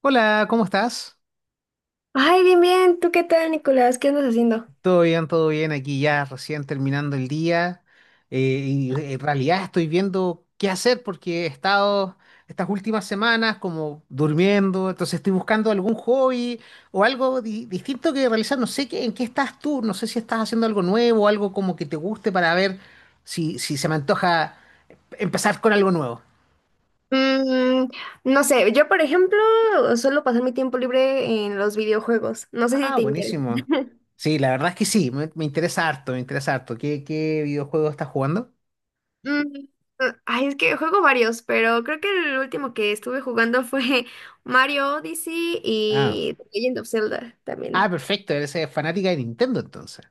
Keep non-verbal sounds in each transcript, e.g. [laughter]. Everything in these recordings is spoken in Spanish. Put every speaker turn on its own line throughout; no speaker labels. Hola, ¿cómo estás?
Ay, bien, bien. ¿Tú qué tal, Nicolás? ¿Qué andas haciendo?
Todo bien, todo bien. Aquí ya recién terminando el día. Eh, en realidad estoy viendo qué hacer porque he estado estas últimas semanas como durmiendo. Entonces estoy buscando algún hobby o algo distinto que realizar. No sé qué, en qué estás tú. No sé si estás haciendo algo nuevo, algo como que te guste para ver si se me antoja empezar con algo nuevo.
Mm, no sé, yo por ejemplo suelo pasar mi tiempo libre en los videojuegos. No sé si
Ah,
te interesa.
buenísimo.
[laughs]
Sí, la verdad es que sí. Me interesa harto, me interesa harto. ¿Qué videojuego estás jugando?
Mm, ay, es que juego varios, pero creo que el último que estuve jugando fue [laughs] Mario Odyssey
Ah.
y The Legend of Zelda
Ah,
también.
perfecto, eres fanática de Nintendo entonces.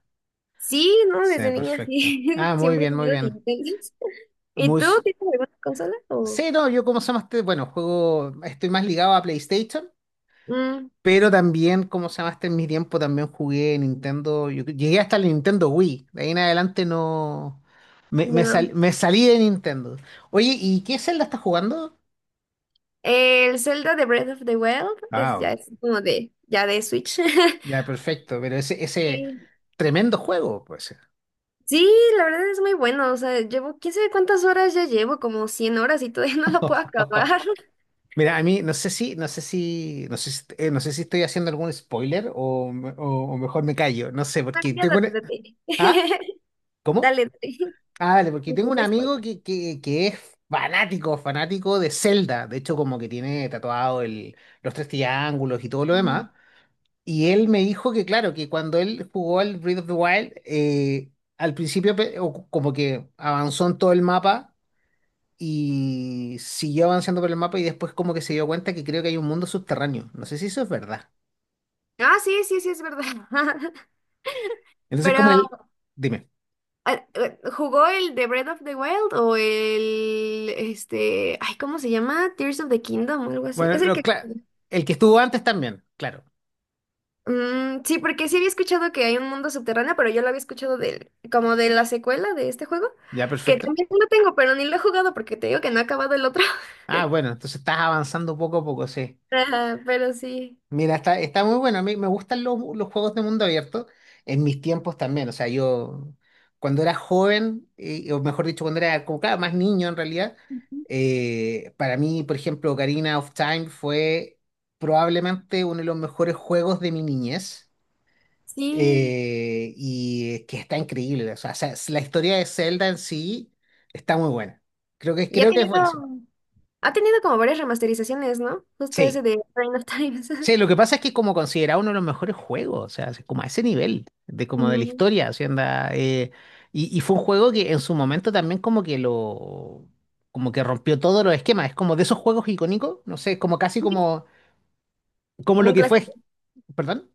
Sí, ¿no?
Sí,
Desde niña
perfecto.
sí.
Ah,
[laughs]
muy
Siempre he
bien, muy
tenido
bien.
Nintendo. [laughs] ¿Y
Muy...
tú
s-
tienes alguna consola o...?
Sí, no, yo como se llama este, bueno, juego, estoy más ligado a PlayStation,
Mm,
pero también como se llama este en mi tiempo también jugué Nintendo, yo llegué hasta el Nintendo Wii, de ahí en adelante no,
ya no.
me salí de Nintendo. Oye, ¿y qué Zelda estás jugando?
El Zelda de Breath of the Wild es
Ah,
ya es como de ya de Switch. [laughs]
ya, perfecto, pero ese
Sí.
tremendo juego, pues.
Sí, la verdad es muy bueno. O sea, llevo quién sabe cuántas horas ya llevo, como 100 horas y todavía [laughs] no lo puedo
[laughs]
acabar. [laughs]
Mira, a mí no sé si, no sé si, no sé si, no sé si estoy haciendo algún spoiler o mejor me callo, no sé,
Ah,
porque
ya
tengo
date,
una...
date.
¿Ah?
[laughs]
¿Cómo?
Dale, dale.
Ah, vale, porque tengo un
Entonces, pues.
amigo que es fanático, fanático de Zelda, de hecho como que tiene tatuado los tres triángulos y todo lo
Mm.
demás, y él me dijo que claro, que cuando él jugó al Breath of the Wild, al principio o como que avanzó en todo el mapa y siguió avanzando por el mapa y después como que se dio cuenta que creo que hay un mundo subterráneo. No sé si eso es verdad.
Ah, sí, sí, sí, es verdad. [laughs]
Entonces como
Pero,
él, dime.
¿jugó el de Breath of the Wild o el, este, ay, ¿cómo se llama? Tears of the Kingdom o algo así.
Bueno,
Es el que...
el que estuvo antes también, claro.
Mm, sí, porque sí había escuchado que hay un mundo subterráneo, pero yo lo había escuchado del, como de la secuela de este juego,
Ya,
que
perfecto.
también lo tengo, pero ni lo he jugado porque te digo que no ha acabado el otro. [laughs]
Ah, bueno, entonces estás avanzando poco a poco, sí.
Ajá, pero sí,
Mira, está muy bueno. A mí me gustan los juegos de mundo abierto en mis tiempos también. O sea, yo cuando era joven, o mejor dicho, cuando era como cada más niño en realidad, para mí, por ejemplo, Ocarina of Time fue probablemente uno de los mejores juegos de mi niñez.
sí.
Y que está increíble. O sea, la historia de Zelda en sí está muy buena. Creo que,
Y ha
creo que es
tenido,
buenísima.
ha tenido como varias remasterizaciones, ¿no? Justo
Sí.
ese de Reign of Times. [laughs]
Sí, lo que pasa es que es como considerado uno de los mejores juegos, o sea, es como a ese nivel de como de la
Ujú.
historia, o sea, anda, y fue un juego que en su momento también como que lo, como que rompió todos los esquemas, es como de esos juegos icónicos, no sé, como casi como, como
Como
lo
un
que fue,
clásico.
perdón,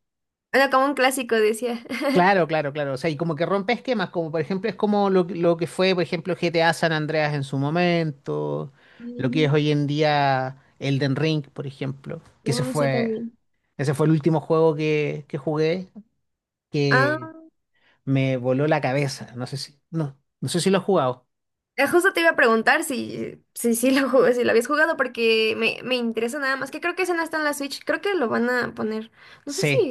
Era como un clásico, decía. [laughs]
claro, claro, claro, o sea, y como que rompe esquemas, como por ejemplo es como lo, lo que fue, por ejemplo, GTA San Andreas en su momento, lo que es
Ujú.
hoy en día Elden Ring, por ejemplo, que se
Mm, sí,
fue...
también.
Ese fue el último juego que jugué.
Ah.
Que me voló la cabeza. No sé si lo has jugado.
Justo te iba a preguntar si lo jugué, si lo habías jugado, porque me interesa nada más, que creo que ese no está en la Switch, creo que lo van a poner, no sé si
Sí.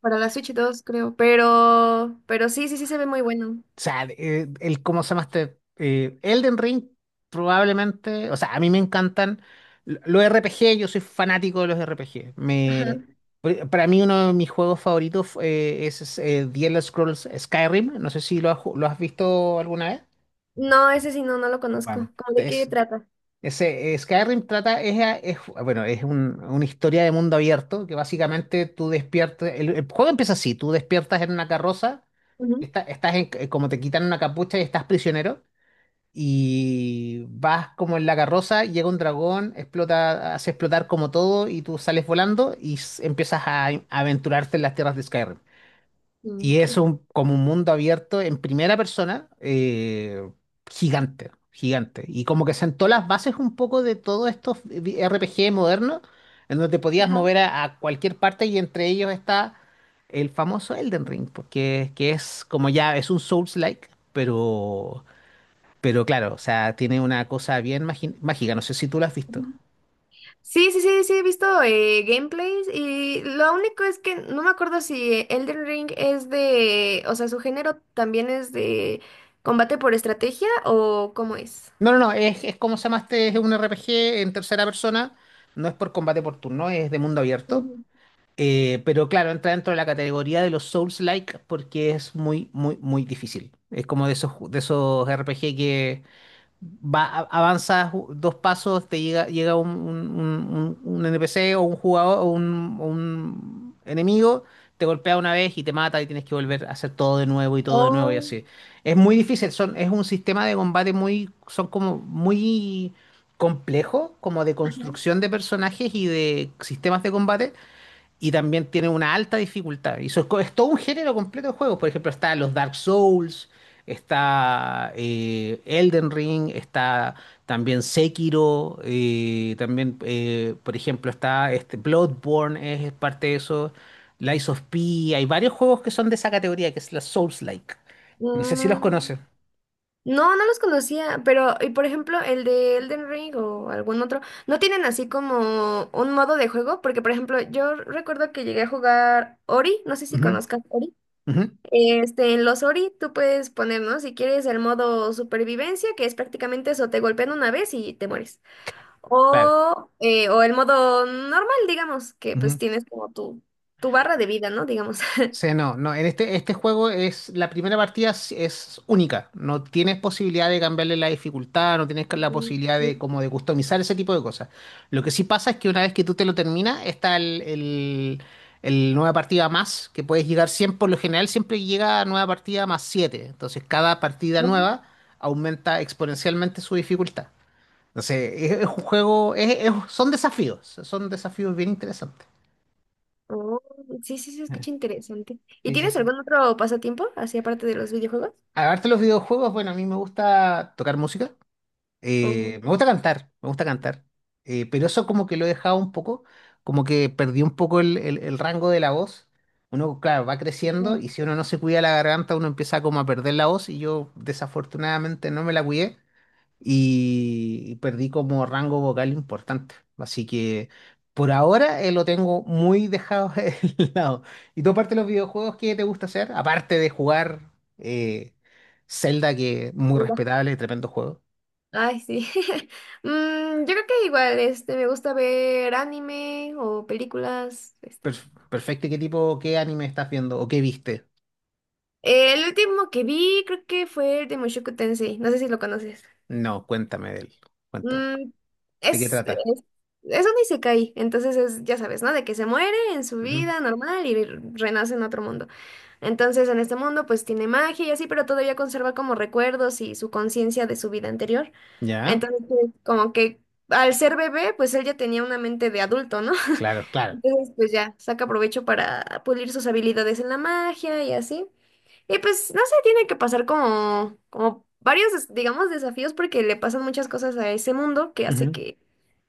para la Switch 2 creo, pero sí, sí se ve muy bueno.
O sea, el cómo se llama este Elden Ring, probablemente. O sea, a mí me encantan los RPG, yo soy fanático de los RPG.
Ajá.
Para mí, uno de mis juegos favoritos The Elder Scrolls Skyrim. No sé si lo has visto alguna vez.
No, ese sí no, no lo conozco.
Bueno,
¿Cómo de qué
es
trata?
Skyrim trata, bueno, es una historia de mundo abierto que básicamente tú despiertas, el juego empieza así, tú despiertas en una carroza,
Ujú.
estás como te quitan una capucha y estás prisionero y vas como en la carroza, llega un dragón, explota, hace explotar como todo y tú sales volando y empiezas a aventurarte en las tierras de Skyrim.
Mm,
Y
ok.
es un, como un mundo abierto en primera persona, gigante, gigante. Y como que sentó las bases un poco de todos estos RPG modernos, en donde te podías
Ajá.
mover a cualquier parte y entre ellos está el famoso Elden Ring, porque que es como ya es un Souls-like, pero, claro, o sea, tiene una cosa bien mágica. No sé si tú lo has visto.
Ujú. Sí, sí, he visto gameplays y lo único es que no me acuerdo si Elden Ring es de, o sea, su género también es de combate por estrategia o cómo es.
No, no, no, es como se llama este, es un RPG en tercera persona, no es por combate por turno, es de mundo abierto.
Ujú.
Pero claro, entra dentro de la categoría de los Souls-like porque es muy, muy, muy difícil. Es como de esos, de esos RPG que va, avanzas dos pasos, te llega, llega un, un NPC o un jugador o un enemigo, te golpea una vez y te mata y tienes que volver a hacer todo de nuevo y todo de nuevo y así. Es muy difícil, son, es un sistema de combate muy, son como muy complejo, como de construcción de personajes y de sistemas de combate y también tiene una alta dificultad. Y eso es, es todo un género completo de juegos. Por ejemplo, está los Dark Souls, está Elden Ring, está también Sekiro, por ejemplo, está este Bloodborne, es parte de eso. Lies of P, hay varios juegos que son de esa categoría, que es la Souls-like. No sé si los
Mm,
conoces.
No, no los conocía, pero, y por ejemplo, el de Elden Ring o algún otro, ¿no tienen así como un modo de juego? Porque, por ejemplo, yo recuerdo que llegué a jugar Ori, no sé si
Ujú,
conozcas Ori.
ujú,
Este, en los Ori tú puedes poner, ¿no? Si quieres el modo supervivencia, que es prácticamente eso, te golpean una vez y te mueres.
claro.
O el modo normal, digamos, que pues
Ujú.
tienes como tu barra de vida, ¿no? Digamos.
Sí,
[laughs]
no, no, en este juego es la primera partida es única. No tienes posibilidad de cambiarle la dificultad, no tienes la posibilidad de como de customizar ese tipo de cosas. Lo que sí pasa es que una vez que tú te lo terminas, está el nueva partida más, que puedes llegar siempre, por lo general siempre llega a nueva partida más 7. Entonces cada partida
Ujú.
nueva aumenta exponencialmente su dificultad. Entonces, es un juego, son desafíos bien interesantes.
Oh, sí, sí, se
Eh,
escucha interesante. ¿Y
Sí, sí,
tienes
sí.
algún otro pasatiempo, así aparte de los videojuegos?
Aparte de los videojuegos, bueno, a mí me gusta tocar música,
Oh,
me gusta cantar, pero eso como que lo he dejado un poco, como que perdí un poco el rango de la voz. Uno, claro, va creciendo
no,
y si uno no se cuida la garganta, uno empieza como a perder la voz y yo desafortunadamente no me la cuidé y perdí como rango vocal importante. Así que por ahora lo tengo muy dejado [laughs] de lado. ¿Y tú aparte de los videojuegos, qué te gusta hacer? Aparte de jugar eh, Zelda, que muy
oiga.
respetable, tremendo juego.
Ay, sí. [laughs] Yo creo que igual, este, me gusta ver anime o películas,
Per-
este.
perfecto, ¿y qué tipo, qué anime estás viendo o qué viste?
El último que vi creo que fue el de Mushoku Tensei, no sé si lo conoces.
No, cuéntame de él. Cuéntame.
Mm,
¿De qué
es,
trata?
es, es un isekai, entonces es, ya sabes, ¿no? De que se muere en su
Ujú.
vida normal y renace en otro mundo. Entonces, en este mundo, pues tiene magia y así, pero todavía conserva como recuerdos y su conciencia de su vida anterior.
¿Ya?
Entonces, pues, como que al ser bebé, pues él ya tenía una mente de adulto, ¿no? [laughs]
Claro, claro.
Entonces, pues ya saca provecho para pulir sus habilidades en la magia y así. Y pues, no sé, tiene que pasar como, como varios, des- digamos, desafíos porque le pasan muchas cosas a ese mundo que hace
Ujú.
que,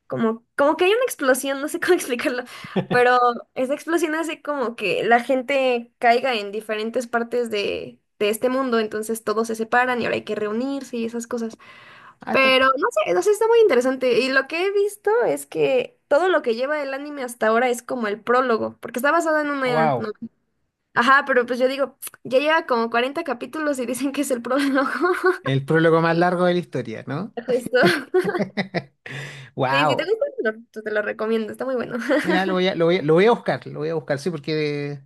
como, como que hay una explosión, no sé cómo [laughs] explicarlo, pero esa explosión hace como que la gente caiga en diferentes partes de este mundo, entonces todos se separan y ahora hay que reunirse y esas cosas.
Ah, está-
Pero no sé, no sé, está muy interesante. Y lo que he visto es que todo lo que lleva el anime hasta ahora es como el prólogo, porque está basado en una
Wow.
novela. Ajá, pero pues yo digo, ya lleva como 40 capítulos y dicen que es el prólogo. [laughs]
El prólogo más largo de la historia, ¿no?
Justo.
[laughs]
Sí, si te
Wow.
gusta, te lo recomiendo, está muy bueno.
Mira, lo voy a buscar, lo voy a buscar, sí, porque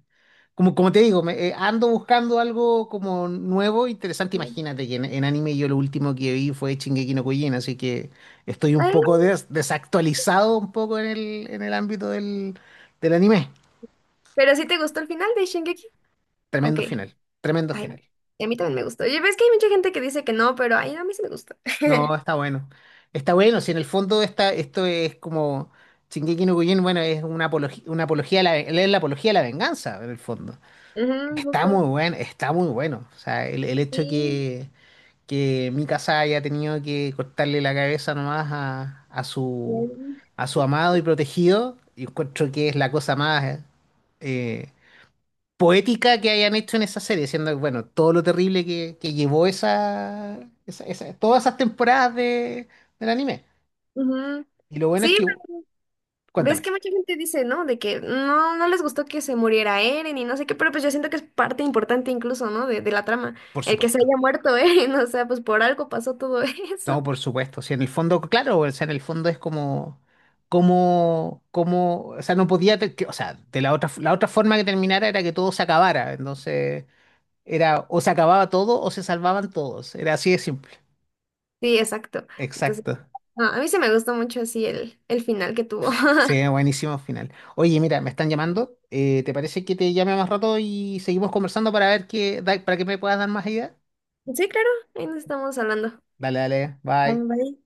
como, como te digo, me, ando buscando algo como nuevo, interesante.
[laughs]
Imagínate que en anime yo lo último que vi fue Shingeki no Kyojin, así que estoy un
Ay,
poco desactualizado un poco en en el ámbito del anime.
pero si te gustó el final de Shingeki. Ok,
Tremendo final, tremendo final.
ay, y a mí también me gustó. Y ves que hay mucha gente que dice que no, pero ay, no, a mí sí me gusta.
No,
[laughs]
está bueno. Está bueno, si en el fondo está, esto es como Shingeki no Kyojin, bueno, es una apología a la, es la apología a la venganza, en el fondo.
Ujú,
Está
justo.
muy bueno, está muy bueno. O sea, el hecho
Sí,
que Mikasa haya tenido que cortarle la cabeza nomás
claro.
a su amado y protegido, y encuentro que es la cosa más eh, poética que hayan hecho en esa serie, siendo bueno, todo lo terrible que llevó esa, todas esas temporadas de, del anime.
Ujú.
Y lo bueno es
Sí,
que,
ves
cuéntame,
que mucha gente dice, ¿no? De que no, no les gustó que se muriera Eren y no sé qué, pero pues yo siento que es parte importante incluso, ¿no? De la trama.
por
El que se
supuesto.
haya muerto Eren, [laughs] o sea, pues por algo pasó todo [laughs]
No,
eso.
por supuesto. Si en el fondo, claro, o sea, en el fondo es como, o sea, no podía, o sea, de la otra forma que terminara era que todo se acabara. Entonces, era o se acababa todo o se salvaban todos. Era así de simple.
Sí, exacto. Entonces,
Exacto.
no, a mí se me gustó mucho así el final que tuvo.
Sí,
[laughs]
buenísimo final. Oye, mira, me están llamando. ¿Te parece que te llame más rato y seguimos conversando para ver qué, para que me puedas dar más ideas?
Sí, claro, ahí nos estamos hablando.
Dale, dale,
Ah,
bye.
vale.